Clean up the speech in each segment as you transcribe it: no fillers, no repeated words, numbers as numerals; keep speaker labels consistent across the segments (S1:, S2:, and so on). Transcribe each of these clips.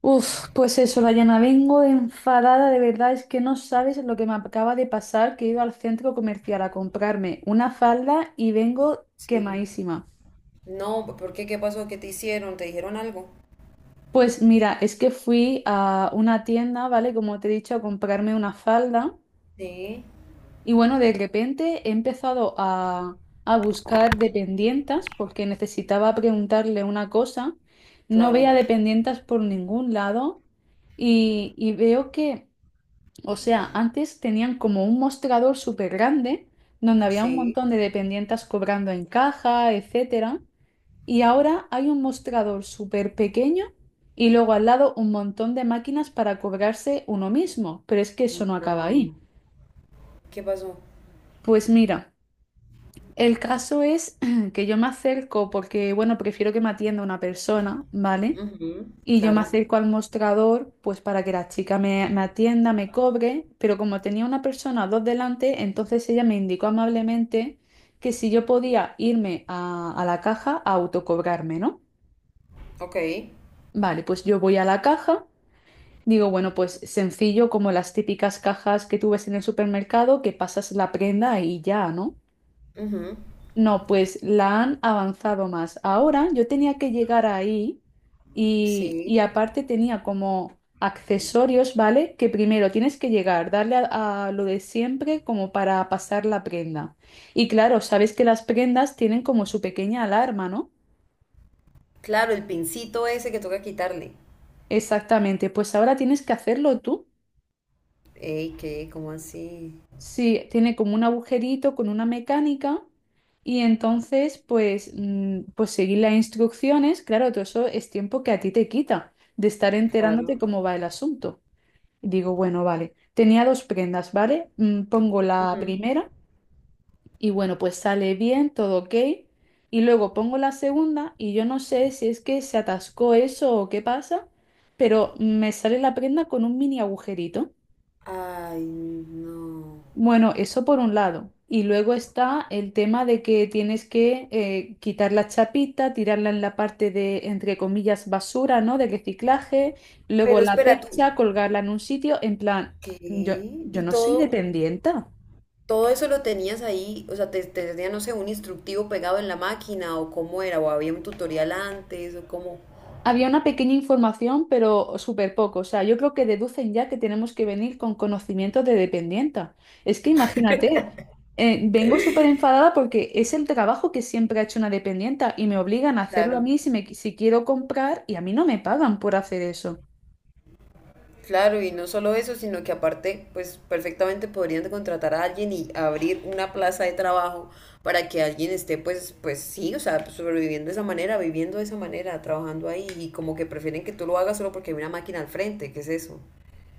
S1: Uf, pues eso, Dayana, vengo enfadada, de verdad, es que no sabes lo que me acaba de pasar, que he ido al centro comercial a comprarme una falda y vengo
S2: Sí.
S1: quemadísima.
S2: No, ¿por qué? ¿Qué pasó? ¿Qué te hicieron? ¿Te dijeron algo?
S1: Pues mira, es que fui a una tienda, ¿vale? Como te he dicho, a comprarme una falda
S2: Sí,
S1: y bueno, de repente he empezado a buscar dependientas porque necesitaba preguntarle una cosa. No veía
S2: claro.
S1: dependientas por ningún lado y veo que... O sea, antes tenían como un mostrador súper grande donde había un
S2: Sí.
S1: montón de dependientes cobrando en caja, etcétera. Y ahora hay un mostrador súper pequeño y luego al lado un montón de máquinas para cobrarse uno mismo. Pero es que eso no acaba ahí.
S2: No. ¿Qué pasó?
S1: Pues mira, el caso es que yo me acerco porque, bueno, prefiero que me atienda una persona, ¿vale?
S2: Ujú,
S1: Y yo me
S2: claro.
S1: acerco al mostrador, pues para que la chica me atienda, me cobre, pero como tenía una persona o dos delante, entonces ella me indicó amablemente que si yo podía irme a la caja a autocobrarme, ¿no?
S2: Ok.
S1: Vale, pues yo voy a la caja, digo, bueno, pues sencillo como las típicas cajas que tú ves en el supermercado, que pasas la prenda y ya, ¿no?
S2: Ujú,
S1: No, pues la han avanzado más. Ahora yo tenía que llegar ahí y
S2: sí.
S1: aparte tenía como accesorios, ¿vale? Que primero tienes que llegar, darle a lo de siempre como para pasar la prenda. Y claro, sabes que las prendas tienen como su pequeña alarma, ¿no?
S2: Claro, el pincito ese que toca quitarle.
S1: Exactamente, pues ahora tienes que hacerlo tú.
S2: Ey, ¿qué? ¿Cómo así?
S1: Sí, tiene como un agujerito con una mecánica y entonces pues, pues seguir las instrucciones, claro, todo eso es tiempo que a ti te quita de estar enterándote
S2: Claro.
S1: cómo va el asunto. Y digo, bueno, vale, tenía dos prendas, ¿vale? Pongo la
S2: Ujú.
S1: primera y bueno, pues sale bien, todo ok. Y luego pongo la segunda y yo no sé si es que se atascó eso o qué pasa, pero me sale la prenda con un mini agujerito.
S2: Ay, no.
S1: Bueno, eso por un lado. Y luego está el tema de que tienes que quitar la chapita, tirarla en la parte de, entre comillas, basura, ¿no? De reciclaje, luego
S2: Pero
S1: la
S2: espera tú.
S1: percha, colgarla en un sitio, en plan, yo,
S2: ¿Qué?
S1: yo
S2: ¿Y
S1: no soy
S2: todo?
S1: dependiente.
S2: Todo eso lo tenías ahí, o sea, te tenía, no sé, un instructivo pegado en la máquina o cómo era, o había un tutorial antes o cómo.
S1: Había una pequeña información, pero súper poco. O sea, yo creo que deducen ya que tenemos que venir con conocimientos de dependienta. Es que imagínate, vengo súper enfadada porque es el trabajo que siempre ha hecho una dependienta y me obligan a hacerlo a
S2: Claro,
S1: mí si, si quiero comprar y a mí no me pagan por hacer eso.
S2: claro, y no solo eso, sino que aparte, pues perfectamente podrían contratar a alguien y abrir una plaza de trabajo para que alguien esté, pues sí, o sea, sobreviviendo de esa manera, viviendo de esa manera, trabajando ahí y como que prefieren que tú lo hagas solo porque hay una máquina al frente, ¿qué es eso?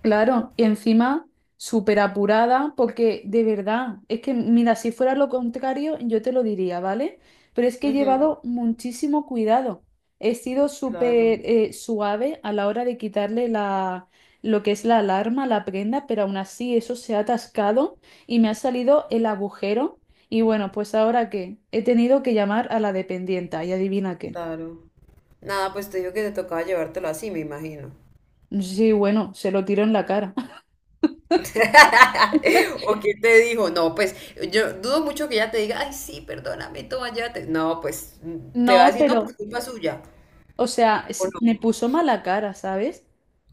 S1: Claro, y encima súper apurada, porque de verdad, es que mira, si fuera lo contrario, yo te lo diría, ¿vale? Pero es que he
S2: Ujú,
S1: llevado muchísimo cuidado. He sido súper
S2: claro,
S1: suave a la hora de quitarle la, lo que es la alarma, la prenda, pero aún así eso se ha atascado y me ha salido el agujero. Y bueno, pues ahora qué, he tenido que llamar a la dependienta y adivina qué.
S2: claro. Nada, pues te digo que te tocaba llevártelo así, me imagino.
S1: Sí, bueno, se lo tiro en la cara.
S2: ¿O qué te dijo? No, pues yo dudo mucho que ella te diga, ay, sí, perdóname, toma, llévate. No, pues te va a
S1: No,
S2: decir, no, pues
S1: pero...
S2: culpa suya.
S1: O sea,
S2: ¿O
S1: me
S2: no?
S1: puso mala cara, ¿sabes?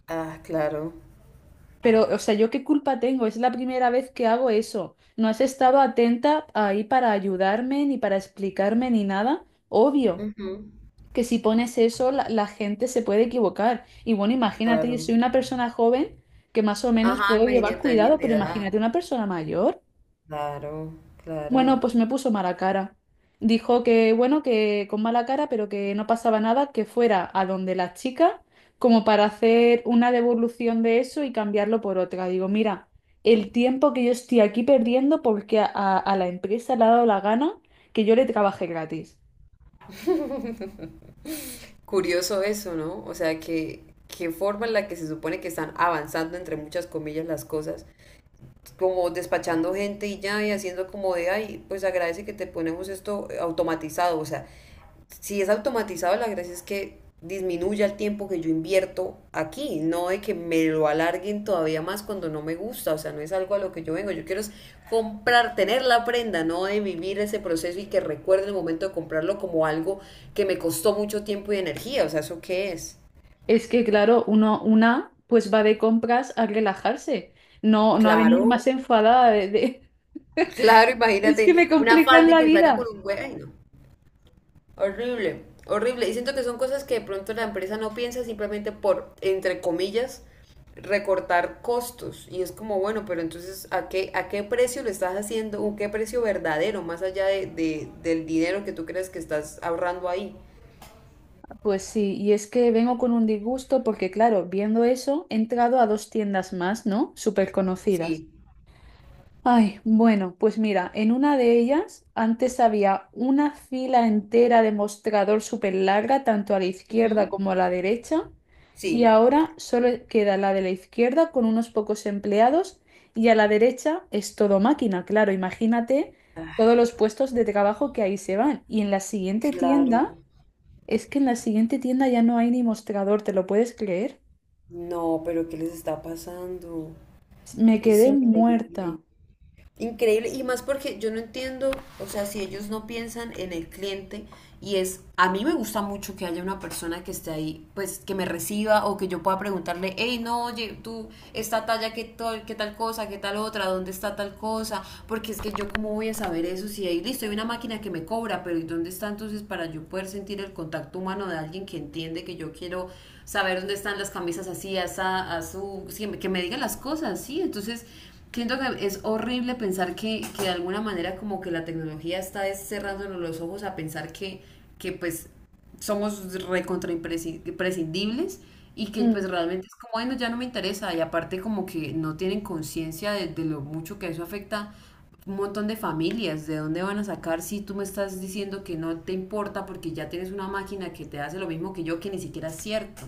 S2: Ah, claro.
S1: Pero, o sea, ¿yo qué culpa tengo? Es la primera vez que hago eso. No has estado atenta ahí para ayudarme, ni para explicarme, ni nada. Obvio
S2: Ujú,
S1: que si pones eso, la gente se puede equivocar. Y bueno, imagínate, yo soy
S2: claro.
S1: una persona joven que más o menos
S2: Ajá,
S1: puedo llevar
S2: imagínate a alguien
S1: cuidado,
S2: de
S1: pero
S2: edad.
S1: imagínate una persona mayor.
S2: Claro,
S1: Bueno,
S2: claro.
S1: pues me puso mala cara. Dijo que, bueno, que con mala cara, pero que no pasaba nada, que fuera a donde la chica, como para hacer una devolución de eso y cambiarlo por otra. Digo, mira, el tiempo que yo estoy aquí perdiendo porque a la empresa le ha dado la gana que yo le trabaje gratis.
S2: Curioso eso, ¿no? O sea, que qué forma en la que se supone que están avanzando, entre muchas comillas, las cosas, como despachando gente y ya, y haciendo como de, ay, pues agradece que te ponemos esto automatizado. O sea, si es automatizado, la gracia es que disminuya el tiempo que yo invierto aquí, no de que me lo alarguen todavía más cuando no me gusta, o sea, no es algo a lo que yo vengo, yo quiero es comprar, tener la prenda, no de vivir ese proceso y que recuerde el momento de comprarlo como algo que me costó mucho tiempo y energía, o sea, ¿eso qué es?
S1: Es que, claro, pues va de compras a relajarse, no a venir
S2: Claro,
S1: más enfadada de...
S2: claro,
S1: Es que
S2: imagínate
S1: me
S2: una
S1: complican
S2: falda y
S1: la
S2: que salga con
S1: vida.
S2: un huevo. Horrible, horrible. Y siento que son cosas que de pronto la empresa no piensa simplemente por, entre comillas, recortar costos. Y es como, bueno, pero entonces, ¿a qué precio lo estás haciendo? ¿Un qué precio verdadero, más allá del dinero que tú crees que estás ahorrando ahí?
S1: Pues sí, y es que vengo con un disgusto porque, claro, viendo eso, he entrado a dos tiendas más, ¿no? Súper conocidas.
S2: Sí.
S1: Ay, bueno, pues mira, en una de ellas antes había una fila entera de mostrador súper larga, tanto a la izquierda
S2: Ujú.
S1: como a la derecha, y
S2: Sí.
S1: ahora solo queda la de la izquierda con unos pocos empleados y a la derecha es todo máquina, claro, imagínate todos los puestos de trabajo que ahí se van. Y en la siguiente tienda...
S2: Claro.
S1: Es que en la siguiente tienda ya no hay ni mostrador, ¿te lo puedes creer?
S2: No, pero ¿qué les está pasando?
S1: Me
S2: Es
S1: quedé muerta.
S2: increíble. Increíble, y más porque yo no entiendo, o sea, si ellos no piensan en el cliente y es, a mí me gusta mucho que haya una persona que esté ahí, pues que me reciba o que yo pueda preguntarle, hey, no, oye, tú, esta talla, qué tal cosa, qué tal otra, dónde está tal cosa, porque es que yo cómo voy a saber eso si ahí, listo, hay una máquina que me cobra, pero ¿y dónde está entonces para yo poder sentir el contacto humano de alguien que entiende que yo quiero saber dónde están las camisas así, asa, azul, sí, que me digan las cosas, sí, entonces... Siento que es horrible pensar que de alguna manera como que la tecnología está cerrándonos los ojos a pensar que pues somos recontra imprescindibles y que
S1: Mm.
S2: pues realmente es como, bueno, ya no me interesa y aparte como que no tienen conciencia de lo mucho que eso afecta un montón de familias, de dónde van a sacar si tú me estás diciendo que no te importa porque ya tienes una máquina que te hace lo mismo que yo, que ni siquiera es cierto.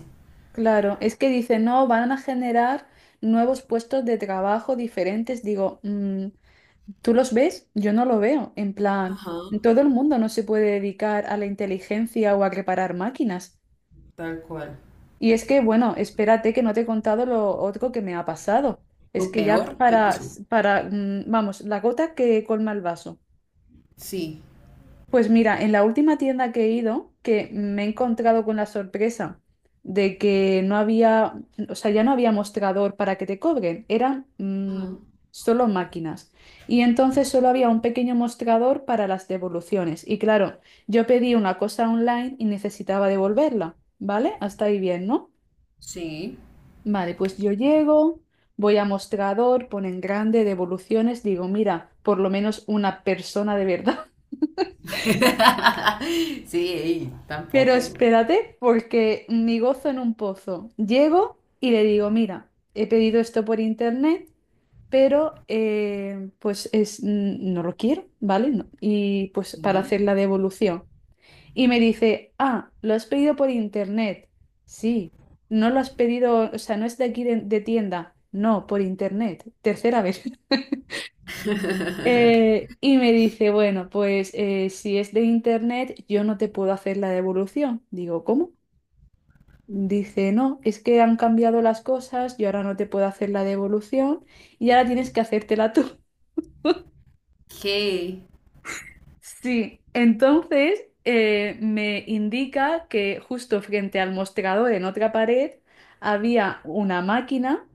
S1: Claro, es que dice, no, van a generar nuevos puestos de trabajo diferentes. Digo, "Mm, ¿tú los ves? Yo no lo veo. En plan,
S2: Ajá,
S1: todo el mundo no se puede dedicar a la inteligencia o a reparar máquinas.
S2: tal cual.
S1: Y es que, bueno, espérate que no te he contado lo otro que me ha pasado. Es
S2: O
S1: que ya
S2: peor, ¿qué pasó?
S1: vamos, la gota que colma el vaso.
S2: Sí.
S1: Pues mira, en la última tienda que he ido, que me he encontrado con la sorpresa de que no había, o sea, ya no había mostrador para que te cobren, eran
S2: Ajá.
S1: solo máquinas. Y entonces solo había un pequeño mostrador para las devoluciones. Y claro, yo pedí una cosa online y necesitaba devolverla, ¿vale? Hasta ahí bien, ¿no?
S2: Sí.
S1: Vale, pues yo llego, voy a mostrador, ponen grande, devoluciones, digo, mira, por lo menos una persona de verdad.
S2: Sí, ey,
S1: Pero
S2: tampoco.
S1: espérate, porque mi gozo en un pozo. Llego y le digo, mira, he pedido esto por internet, pero pues es, no lo quiero, ¿vale? No. Y pues para
S2: Sí.
S1: hacer la devolución. Y me dice, ah, lo has pedido por internet. Sí, no lo has pedido, o sea, no es de aquí de tienda. No, por internet. Tercera vez. Y me dice, bueno, pues si es de internet, yo no te puedo hacer la devolución. Digo, ¿cómo? Dice, no, es que han cambiado las cosas, yo ahora no te puedo hacer la devolución y ahora tienes que hacértela tú.
S2: ¿Qué?
S1: Sí, entonces me indica que justo frente al mostrador en otra pared había una máquina.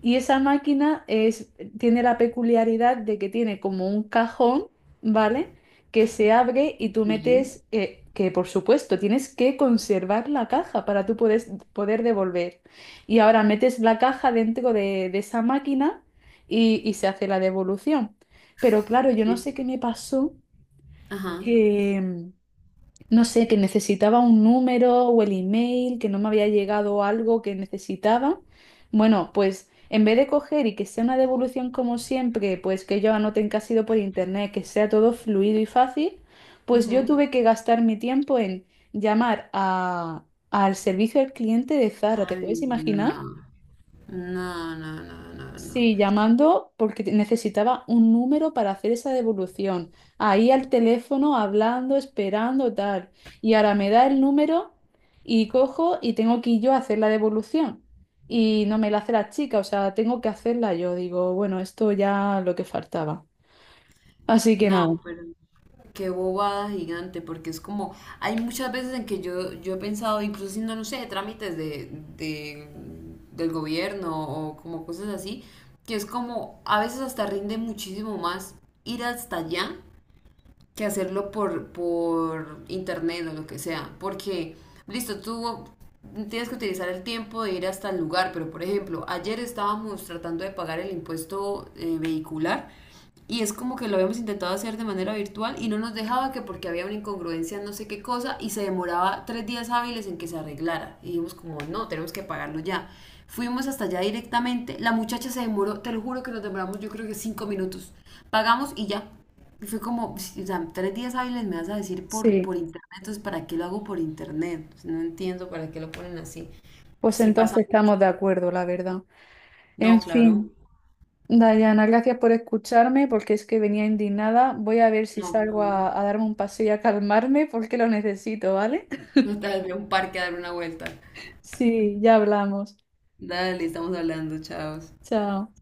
S1: Y esa máquina es, tiene la peculiaridad de que tiene como un cajón, ¿vale? Que se abre y tú
S2: ¿Qué?
S1: metes, que por supuesto tienes que conservar la caja para poder devolver. Y ahora metes la caja dentro de esa máquina y se hace la devolución. Pero claro, yo no
S2: ¿Qué?
S1: sé qué me pasó,
S2: Ajá.
S1: que no sé, que necesitaba un número o el email, que no me había llegado algo que necesitaba. Bueno, pues en vez de coger y que sea una devolución como siempre, pues que ellos anoten que ha sido por internet, que sea todo fluido y fácil, pues yo
S2: Ujú.
S1: tuve que gastar mi tiempo en llamar al servicio al cliente de Zara, ¿te puedes
S2: Ay,
S1: imaginar?
S2: no. No, no, no, no, no.
S1: Sí, llamando porque necesitaba un número para hacer esa devolución. Ahí al teléfono, hablando, esperando, tal. Y ahora me da el número y cojo y tengo que ir yo a hacer la devolución. Y no me la hace la chica, o sea, tengo que hacerla yo. Digo, bueno, esto ya lo que faltaba. Así que nada.
S2: No, pero qué bobada gigante, porque es como, hay muchas veces en que yo he pensado, incluso haciendo, no sé, trámites de- del gobierno o como cosas así, que es como, a veces hasta rinde muchísimo más ir hasta allá que hacerlo por internet o lo que sea. Porque, listo, tú tienes que utilizar el tiempo de ir hasta el lugar, pero por ejemplo, ayer estábamos tratando de pagar el impuesto vehicular y es como que lo habíamos intentado hacer de manera virtual y no nos dejaba, que porque había una incongruencia, no sé qué cosa, y se demoraba 3 días hábiles en que se arreglara. Y dijimos como, no, tenemos que pagarlo ya. Fuimos hasta allá directamente, la muchacha se demoró, te lo juro que nos demoramos yo creo que 5 minutos. Pagamos y ya, y fue como, Ps, o sea, 3 días hábiles me vas a decir por,
S1: Sí,
S2: por internet, entonces ¿para qué lo hago por internet? O sea, no entiendo para qué lo ponen así.
S1: pues
S2: Sí, pasa
S1: entonces estamos de
S2: mucho.
S1: acuerdo, la verdad.
S2: No,
S1: En
S2: claro,
S1: fin. Dayana, gracias por escucharme porque es que venía indignada. Voy a ver si
S2: no,
S1: salgo
S2: claro.
S1: a darme un paseo y a calmarme porque lo necesito, ¿vale?
S2: No, tal vez voy a un parque a dar una vuelta.
S1: Sí, ya hablamos.
S2: Dale, estamos hablando, chavos.
S1: Chao.